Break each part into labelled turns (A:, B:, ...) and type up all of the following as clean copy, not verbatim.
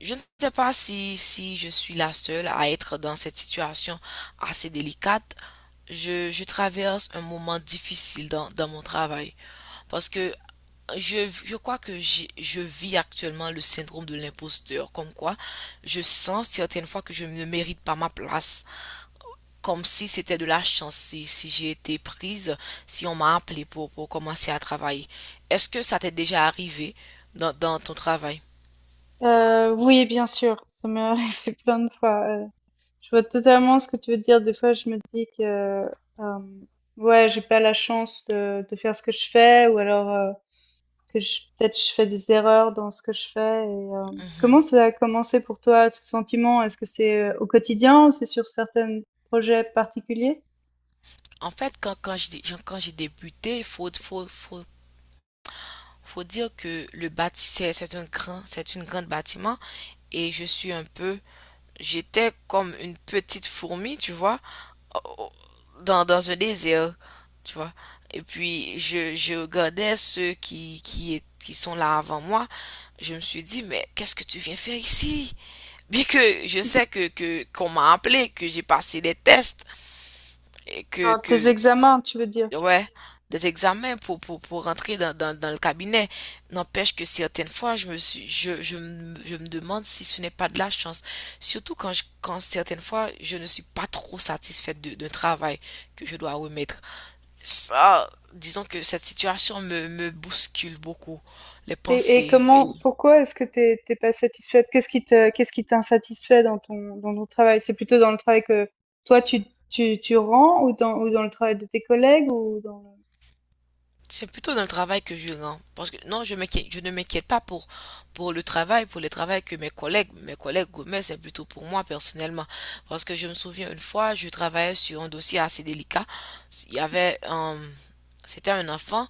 A: Je ne sais pas si je suis la seule à être dans cette situation assez délicate. Je traverse un moment difficile dans mon travail parce que je crois que je vis actuellement le syndrome de l'imposteur, comme quoi je sens certaines fois que je ne mérite pas ma place, comme si c'était de la chance, si j'ai été prise, si on m'a appelé pour commencer à travailler. Est-ce que ça t'est déjà arrivé dans ton travail?
B: Oui, bien sûr, ça m'est arrivé plein de fois. Je vois totalement ce que tu veux dire. Des fois, je me dis que, euh, ouais, j'ai pas la chance de faire ce que je fais, ou alors que peut-être je fais des erreurs dans ce que je fais. Comment ça a commencé pour toi, ce sentiment? Est-ce que c'est au quotidien ou c'est sur certains projets particuliers?
A: En fait, quand j'ai débuté, il faut, faut, faut, faut dire que le bâti, c'est une grande bâtiment et je suis un peu, j'étais comme une petite fourmi, tu vois, au- dans un désert, tu vois. Et puis, je regardais ceux qui sont là avant moi. Je me suis dit, mais qu'est-ce que tu viens faire ici? Bien que je sais qu'on m'a appelé, que j'ai passé des tests et
B: Dans tes
A: que
B: examens, tu veux dire?
A: Ouais, des examens pour rentrer dans le cabinet. N'empêche que certaines fois, je me suis, je me demande si ce n'est pas de la chance. Surtout quand certaines fois, je ne suis pas trop satisfaite d'un travail que je dois remettre. Ça, disons que cette situation me bouscule beaucoup les
B: Et
A: pensées.
B: comment pourquoi est-ce que t'es es pas satisfaite? Qu'est-ce qui t'insatisfait dans ton travail? C'est plutôt dans le travail que toi tu rends ou dans le travail de tes collègues ou dans
A: C'est plutôt dans le travail que je rends. Parce que non, je ne m'inquiète pas pour le travail, mes collègues gourmets, c'est plutôt pour moi personnellement. Parce que je me souviens une fois, je travaillais sur un dossier assez délicat. Il y avait un, C'était un enfant.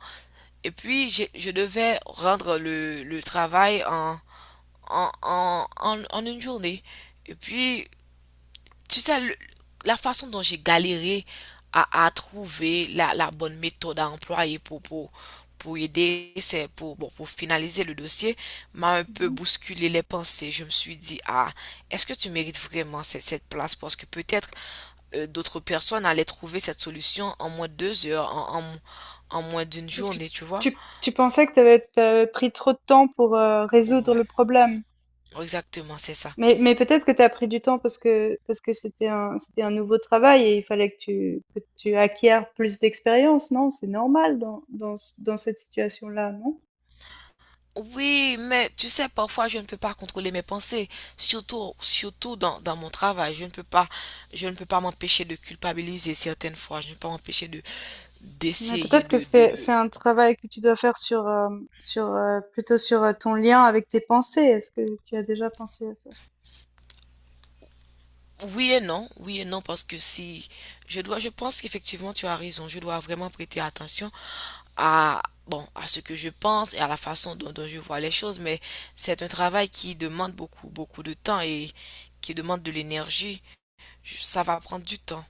A: Et puis, je devais rendre le travail en une journée. Et puis, tu sais, la façon dont j'ai galéré à trouver la bonne méthode à employer pour aider, c'est pour, bon, pour finaliser le dossier, m'a un
B: le.
A: peu
B: Mmh,
A: bousculé les pensées. Je me suis dit, ah, est-ce que tu mérites vraiment cette place? Parce que peut-être d'autres personnes allaient trouver cette solution en moins de deux heures, en moins d'une
B: parce que
A: journée, tu vois?
B: tu pensais que t'avais avais pris trop de temps pour, résoudre le
A: Ouais,
B: problème.
A: exactement, c'est ça.
B: Mais peut-être que t'as pris du temps parce que c'était un nouveau travail et il fallait que tu acquières plus d'expérience, non? C'est normal dans ce dans cette situation-là, non?
A: Oui, mais tu sais, parfois je ne peux pas contrôler mes pensées, surtout dans mon travail. Je ne peux pas m'empêcher de culpabiliser certaines fois. Je ne peux pas m'empêcher de
B: Mais
A: d'essayer
B: peut-être que
A: de...
B: c'est un travail que tu dois faire sur plutôt sur ton lien avec tes pensées. Est-ce que tu as déjà pensé à ça?
A: Oui et non, parce que si je dois, je pense qu'effectivement tu as raison. Je dois vraiment prêter attention à bon à ce que je pense et à la façon dont je vois les choses. Mais c'est un travail qui demande beaucoup, beaucoup de temps et qui demande de l'énergie. Ça va prendre du temps.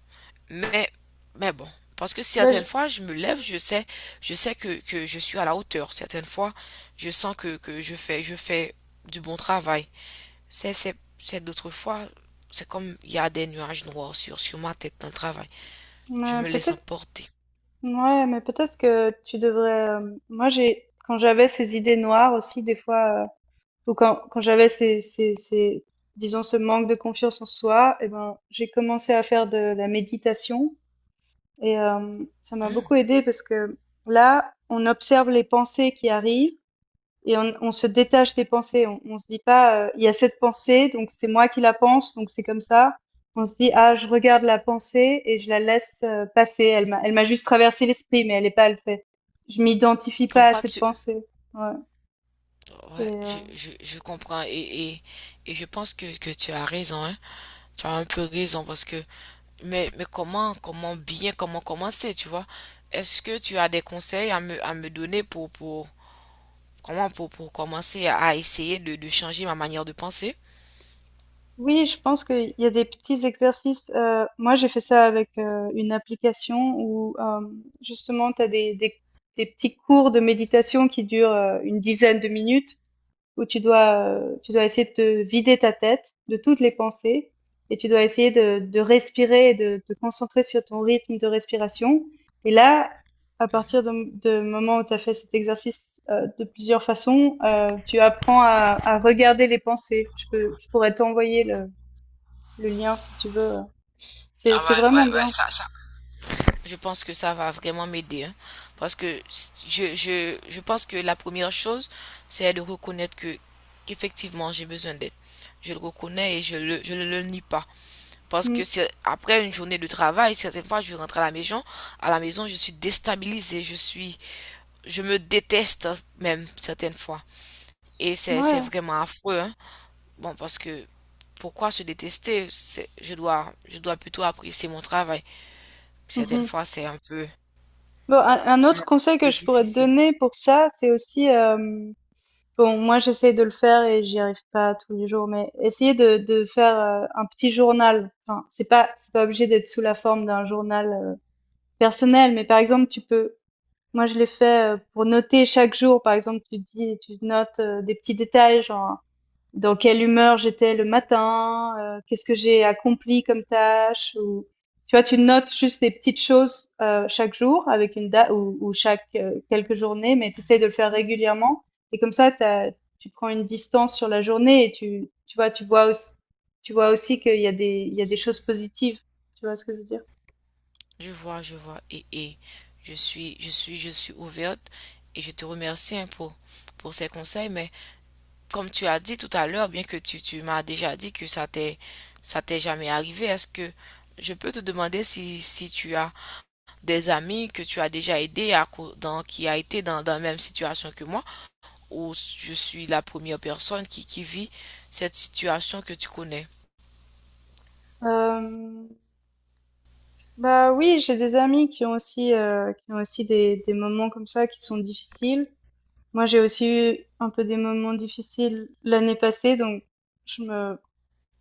A: Mais, bon, parce que
B: Ben
A: certaines
B: je-
A: fois, je me lève, je sais que je suis à la hauteur. Certaines fois, je sens que je fais du bon travail. C'est d'autres fois, c'est comme il y a des nuages noirs sur ma tête dans le travail. Je
B: mais
A: me laisse
B: peut-être
A: emporter.
B: Ouais, mais peut-être que tu devrais. Moi j'ai quand j'avais ces idées noires aussi des fois ou quand j'avais ces disons ce manque de confiance en soi, et ben j'ai commencé à faire de la méditation et ça m'a
A: Hmm.
B: beaucoup aidé parce que là on observe les pensées qui arrivent. Et on se détache des pensées. On se dit pas, il y a cette pensée, donc c'est moi qui la pense, donc c'est comme ça. On se dit, ah, je regarde la pensée et je la laisse passer. Elle m'a juste traversé l'esprit, mais elle n'est pas, elle fait. Je m'identifie
A: Comme
B: pas à
A: quoi
B: cette
A: tu...
B: pensée. Ouais. Et,
A: Ouais,
B: euh,
A: je comprends et je pense que tu as raison, hein. Tu as un peu raison parce que... Mais, comment, comment bien, comment commencer, tu vois? Est-ce que tu as des conseils à me donner pour commencer à essayer de changer ma manière de penser?
B: oui, je pense qu'il y a des petits exercices. Moi, j'ai fait ça avec une application où justement, tu as des petits cours de méditation qui durent une dizaine de minutes où tu tu dois essayer de te vider ta tête de toutes les pensées et tu dois essayer de respirer et de te concentrer sur ton rythme de respiration. Et là, à partir de moment où tu as fait cet exercice de plusieurs façons, tu apprends à regarder les pensées. Je pourrais t'envoyer le lien si tu veux.
A: Ah,
B: C'est
A: ouais,
B: vraiment
A: ouais, ouais,
B: bien.
A: ça, ça. Je pense que ça va vraiment m'aider, hein. Parce que je pense que la première chose, c'est de reconnaître que qu'effectivement j'ai besoin d'aide. Je le reconnais et je ne le nie pas. Parce
B: Mm.
A: que c'est après une journée de travail, certaines fois je rentre à la maison. À la maison, je suis déstabilisée, je me déteste même certaines fois. Et c'est
B: Ouais.
A: vraiment affreux, hein. Bon, parce que pourquoi se détester? Je dois plutôt apprécier mon travail. Certaines
B: Mhm.
A: fois,
B: Bon, un
A: c'est
B: autre
A: un
B: conseil que
A: peu
B: je pourrais te
A: difficile.
B: donner pour ça, c'est aussi bon, moi j'essaie de le faire et j'y arrive pas tous les jours, mais essayer de faire un petit journal. Enfin, c'est pas obligé d'être sous la forme d'un journal personnel, mais par exemple tu peux. Moi je l'ai fait pour noter chaque jour. Par exemple, tu notes des petits détails, genre dans quelle humeur j'étais le matin, qu'est-ce que j'ai accompli comme tâche, ou tu vois, tu notes juste des petites choses chaque jour avec une date ou chaque quelques journées, mais tu essaies de le faire régulièrement et comme ça, tu prends une distance sur la journée et tu vois, tu vois aussi qu'il y a il y a des choses positives. Tu vois ce que je veux dire?
A: Je vois, je vois. Et je suis ouverte et je te remercie, hein, pour ces conseils. Mais comme tu as dit tout à l'heure, bien que tu m'as déjà dit que ça t'est jamais arrivé, est-ce que je peux te demander si tu as des amis que tu as déjà aidé qui a été dans la même situation que moi, ou je suis la première personne qui vit cette situation que tu connais.
B: Euh, Bah oui, j'ai des amis qui ont qui ont aussi des moments comme ça qui sont difficiles. Moi, j'ai aussi eu un peu des moments difficiles l'année passée, donc je me,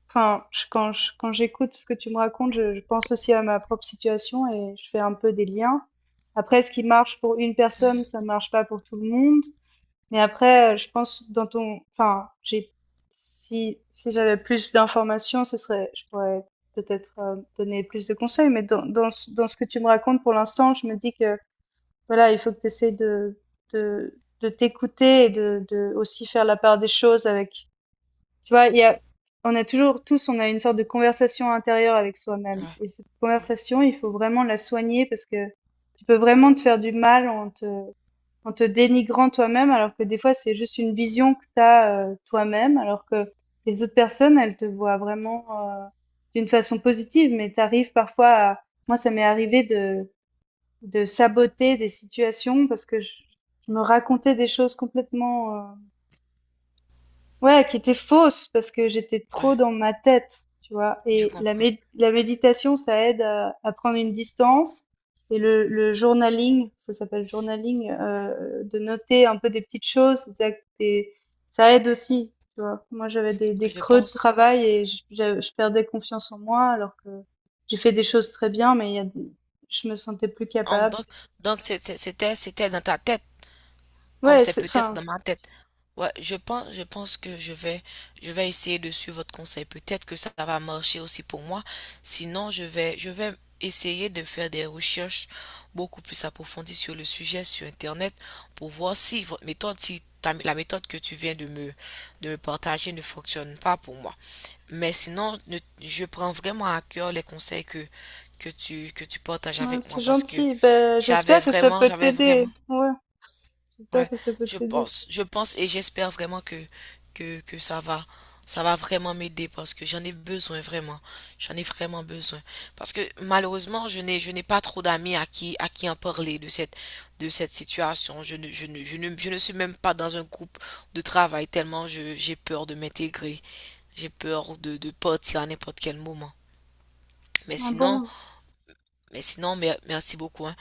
B: enfin, quand j'écoute ce que tu me racontes, je pense aussi à ma propre situation et je fais un peu des liens. Après, ce qui marche pour une personne, ça ne marche pas pour tout le monde. Mais après, je pense dans ton, si, si j'avais plus d'informations, je pourrais peut-être donner plus de conseils. Mais dans ce que tu me racontes pour l'instant, je me dis que voilà, il faut que tu essaies de t'écouter et de aussi faire la part des choses avec, tu vois, on a toujours tous, on a une sorte de conversation intérieure avec soi-même.
A: Ouais,
B: Et cette
A: ouais,
B: conversation, il faut vraiment la soigner parce que tu peux vraiment te faire du mal en te dénigrant toi-même, alors que des fois, c'est juste une vision que tu as toi-même, alors que les autres personnes, elles te voient vraiment d'une façon positive, mais tu arrives parfois à... Moi, ça m'est arrivé de saboter des situations parce que je me racontais des choses ouais, qui étaient fausses parce que j'étais
A: ouais,
B: trop dans ma tête, tu vois.
A: je
B: Et la,
A: comprends.
B: mé- la méditation, ça aide à prendre une distance. Et le journaling, ça s'appelle journaling, de noter un peu des petites choses, ça aide aussi, tu vois. Moi, j'avais des
A: Je
B: creux de
A: pense.
B: travail et je perdais confiance en moi alors que j'ai fait des choses très bien, mais il y a des- je me sentais plus
A: En-
B: capable.
A: donc, donc c'était, dans ta tête. Comme
B: Ouais,
A: c'est
B: c'est,
A: peut-être
B: enfin,
A: dans ma tête. Ouais, je pense que je vais essayer de suivre votre conseil. Peut-être que ça va marcher aussi pour moi. Sinon, je vais essayer de faire des recherches beaucoup plus approfondies sur le sujet sur Internet pour voir si votre méthode, si ta- la méthode que tu viens de me partager ne fonctionne pas pour moi. Mais sinon, je prends vraiment à cœur les conseils que tu partages
B: Ouais,
A: avec
B: c'est
A: moi parce que
B: gentil. Ben, j'espère que ça peut
A: j'avais
B: t'aider.
A: vraiment...
B: Ouais, j'espère
A: Ouais,
B: que ça peut t'aider.
A: je pense et j'espère vraiment que ça va vraiment m'aider parce que j'en ai vraiment besoin, parce que malheureusement je n'ai pas trop d'amis à qui en parler de cette situation. Je ne suis même pas dans un groupe de travail tellement j'ai peur de m'intégrer, j'ai peur de partir à n'importe quel moment. Mais
B: Ah
A: sinon,
B: bon?
A: mais sinon, merci beaucoup, hein.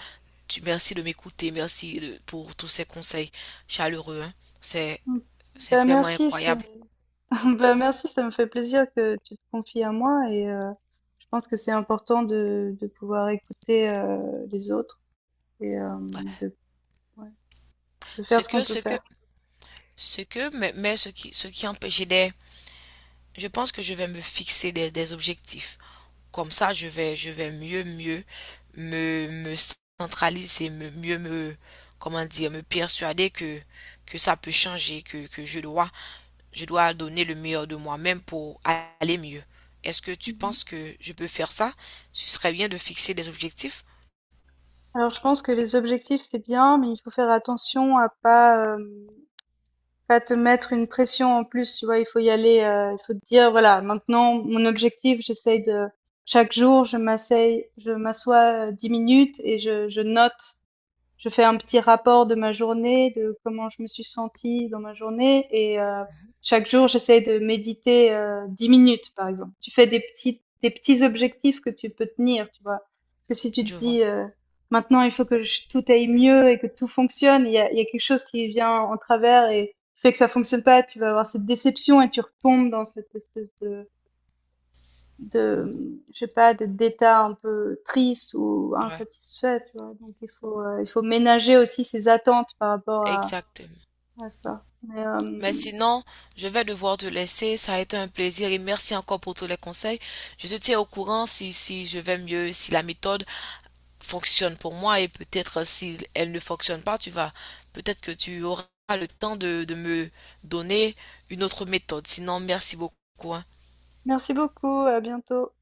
A: Merci de m'écouter, merci pour tous ces conseils chaleureux, hein. C'est,
B: Mm.
A: c'est
B: Ben
A: vraiment
B: merci, c'est
A: incroyable.
B: ben merci, ça me fait plaisir que tu te confies à moi et je pense que c'est important de pouvoir écouter les autres et
A: Ouais.
B: de, ouais, de
A: Ce
B: faire ce qu'on
A: que,
B: peut
A: ce que,
B: faire.
A: ce qui empêchait des, je pense que je vais me fixer des objectifs. Comme ça, je vais mieux me centraliser, comment dire, me persuader que ça peut changer, que je dois donner le meilleur de moi-même pour aller mieux. Est-ce que tu
B: Mhm.
A: penses que je peux faire ça? Ce serait bien de fixer des objectifs?
B: Alors je pense que les objectifs c'est bien, mais il faut faire attention à pas pas te mettre une pression en plus, tu vois, il faut y aller, il faut te dire: «Voilà, maintenant mon objectif, j'essaye de chaque jour, je m'assois, 10 minutes et je note». Je fais un petit rapport de ma journée, de comment je me suis sentie dans ma journée et chaque jour j'essaie de méditer 10 minutes par exemple. Tu fais des petits objectifs que tu peux tenir, tu vois. Parce que si tu
A: Je
B: te
A: vois.
B: dis maintenant il faut que je- tout aille mieux et que tout fonctionne, il y a quelque chose qui vient en travers et fait que ça fonctionne pas, tu vas avoir cette déception et tu retombes dans cette espèce de je sais pas de d'état un peu triste ou
A: Ouais.
B: insatisfait, tu vois, donc il faut ménager aussi ses attentes par rapport
A: Exact.
B: à ça
A: Mais sinon, je vais devoir te laisser. Ça a été un plaisir et merci encore pour tous les conseils. Je te tiens au courant si je vais mieux, si la méthode fonctionne pour moi, et peut-être si elle ne fonctionne pas, peut-être que tu auras le temps de me donner une autre méthode. Sinon, merci beaucoup, hein.
B: merci beaucoup, à bientôt.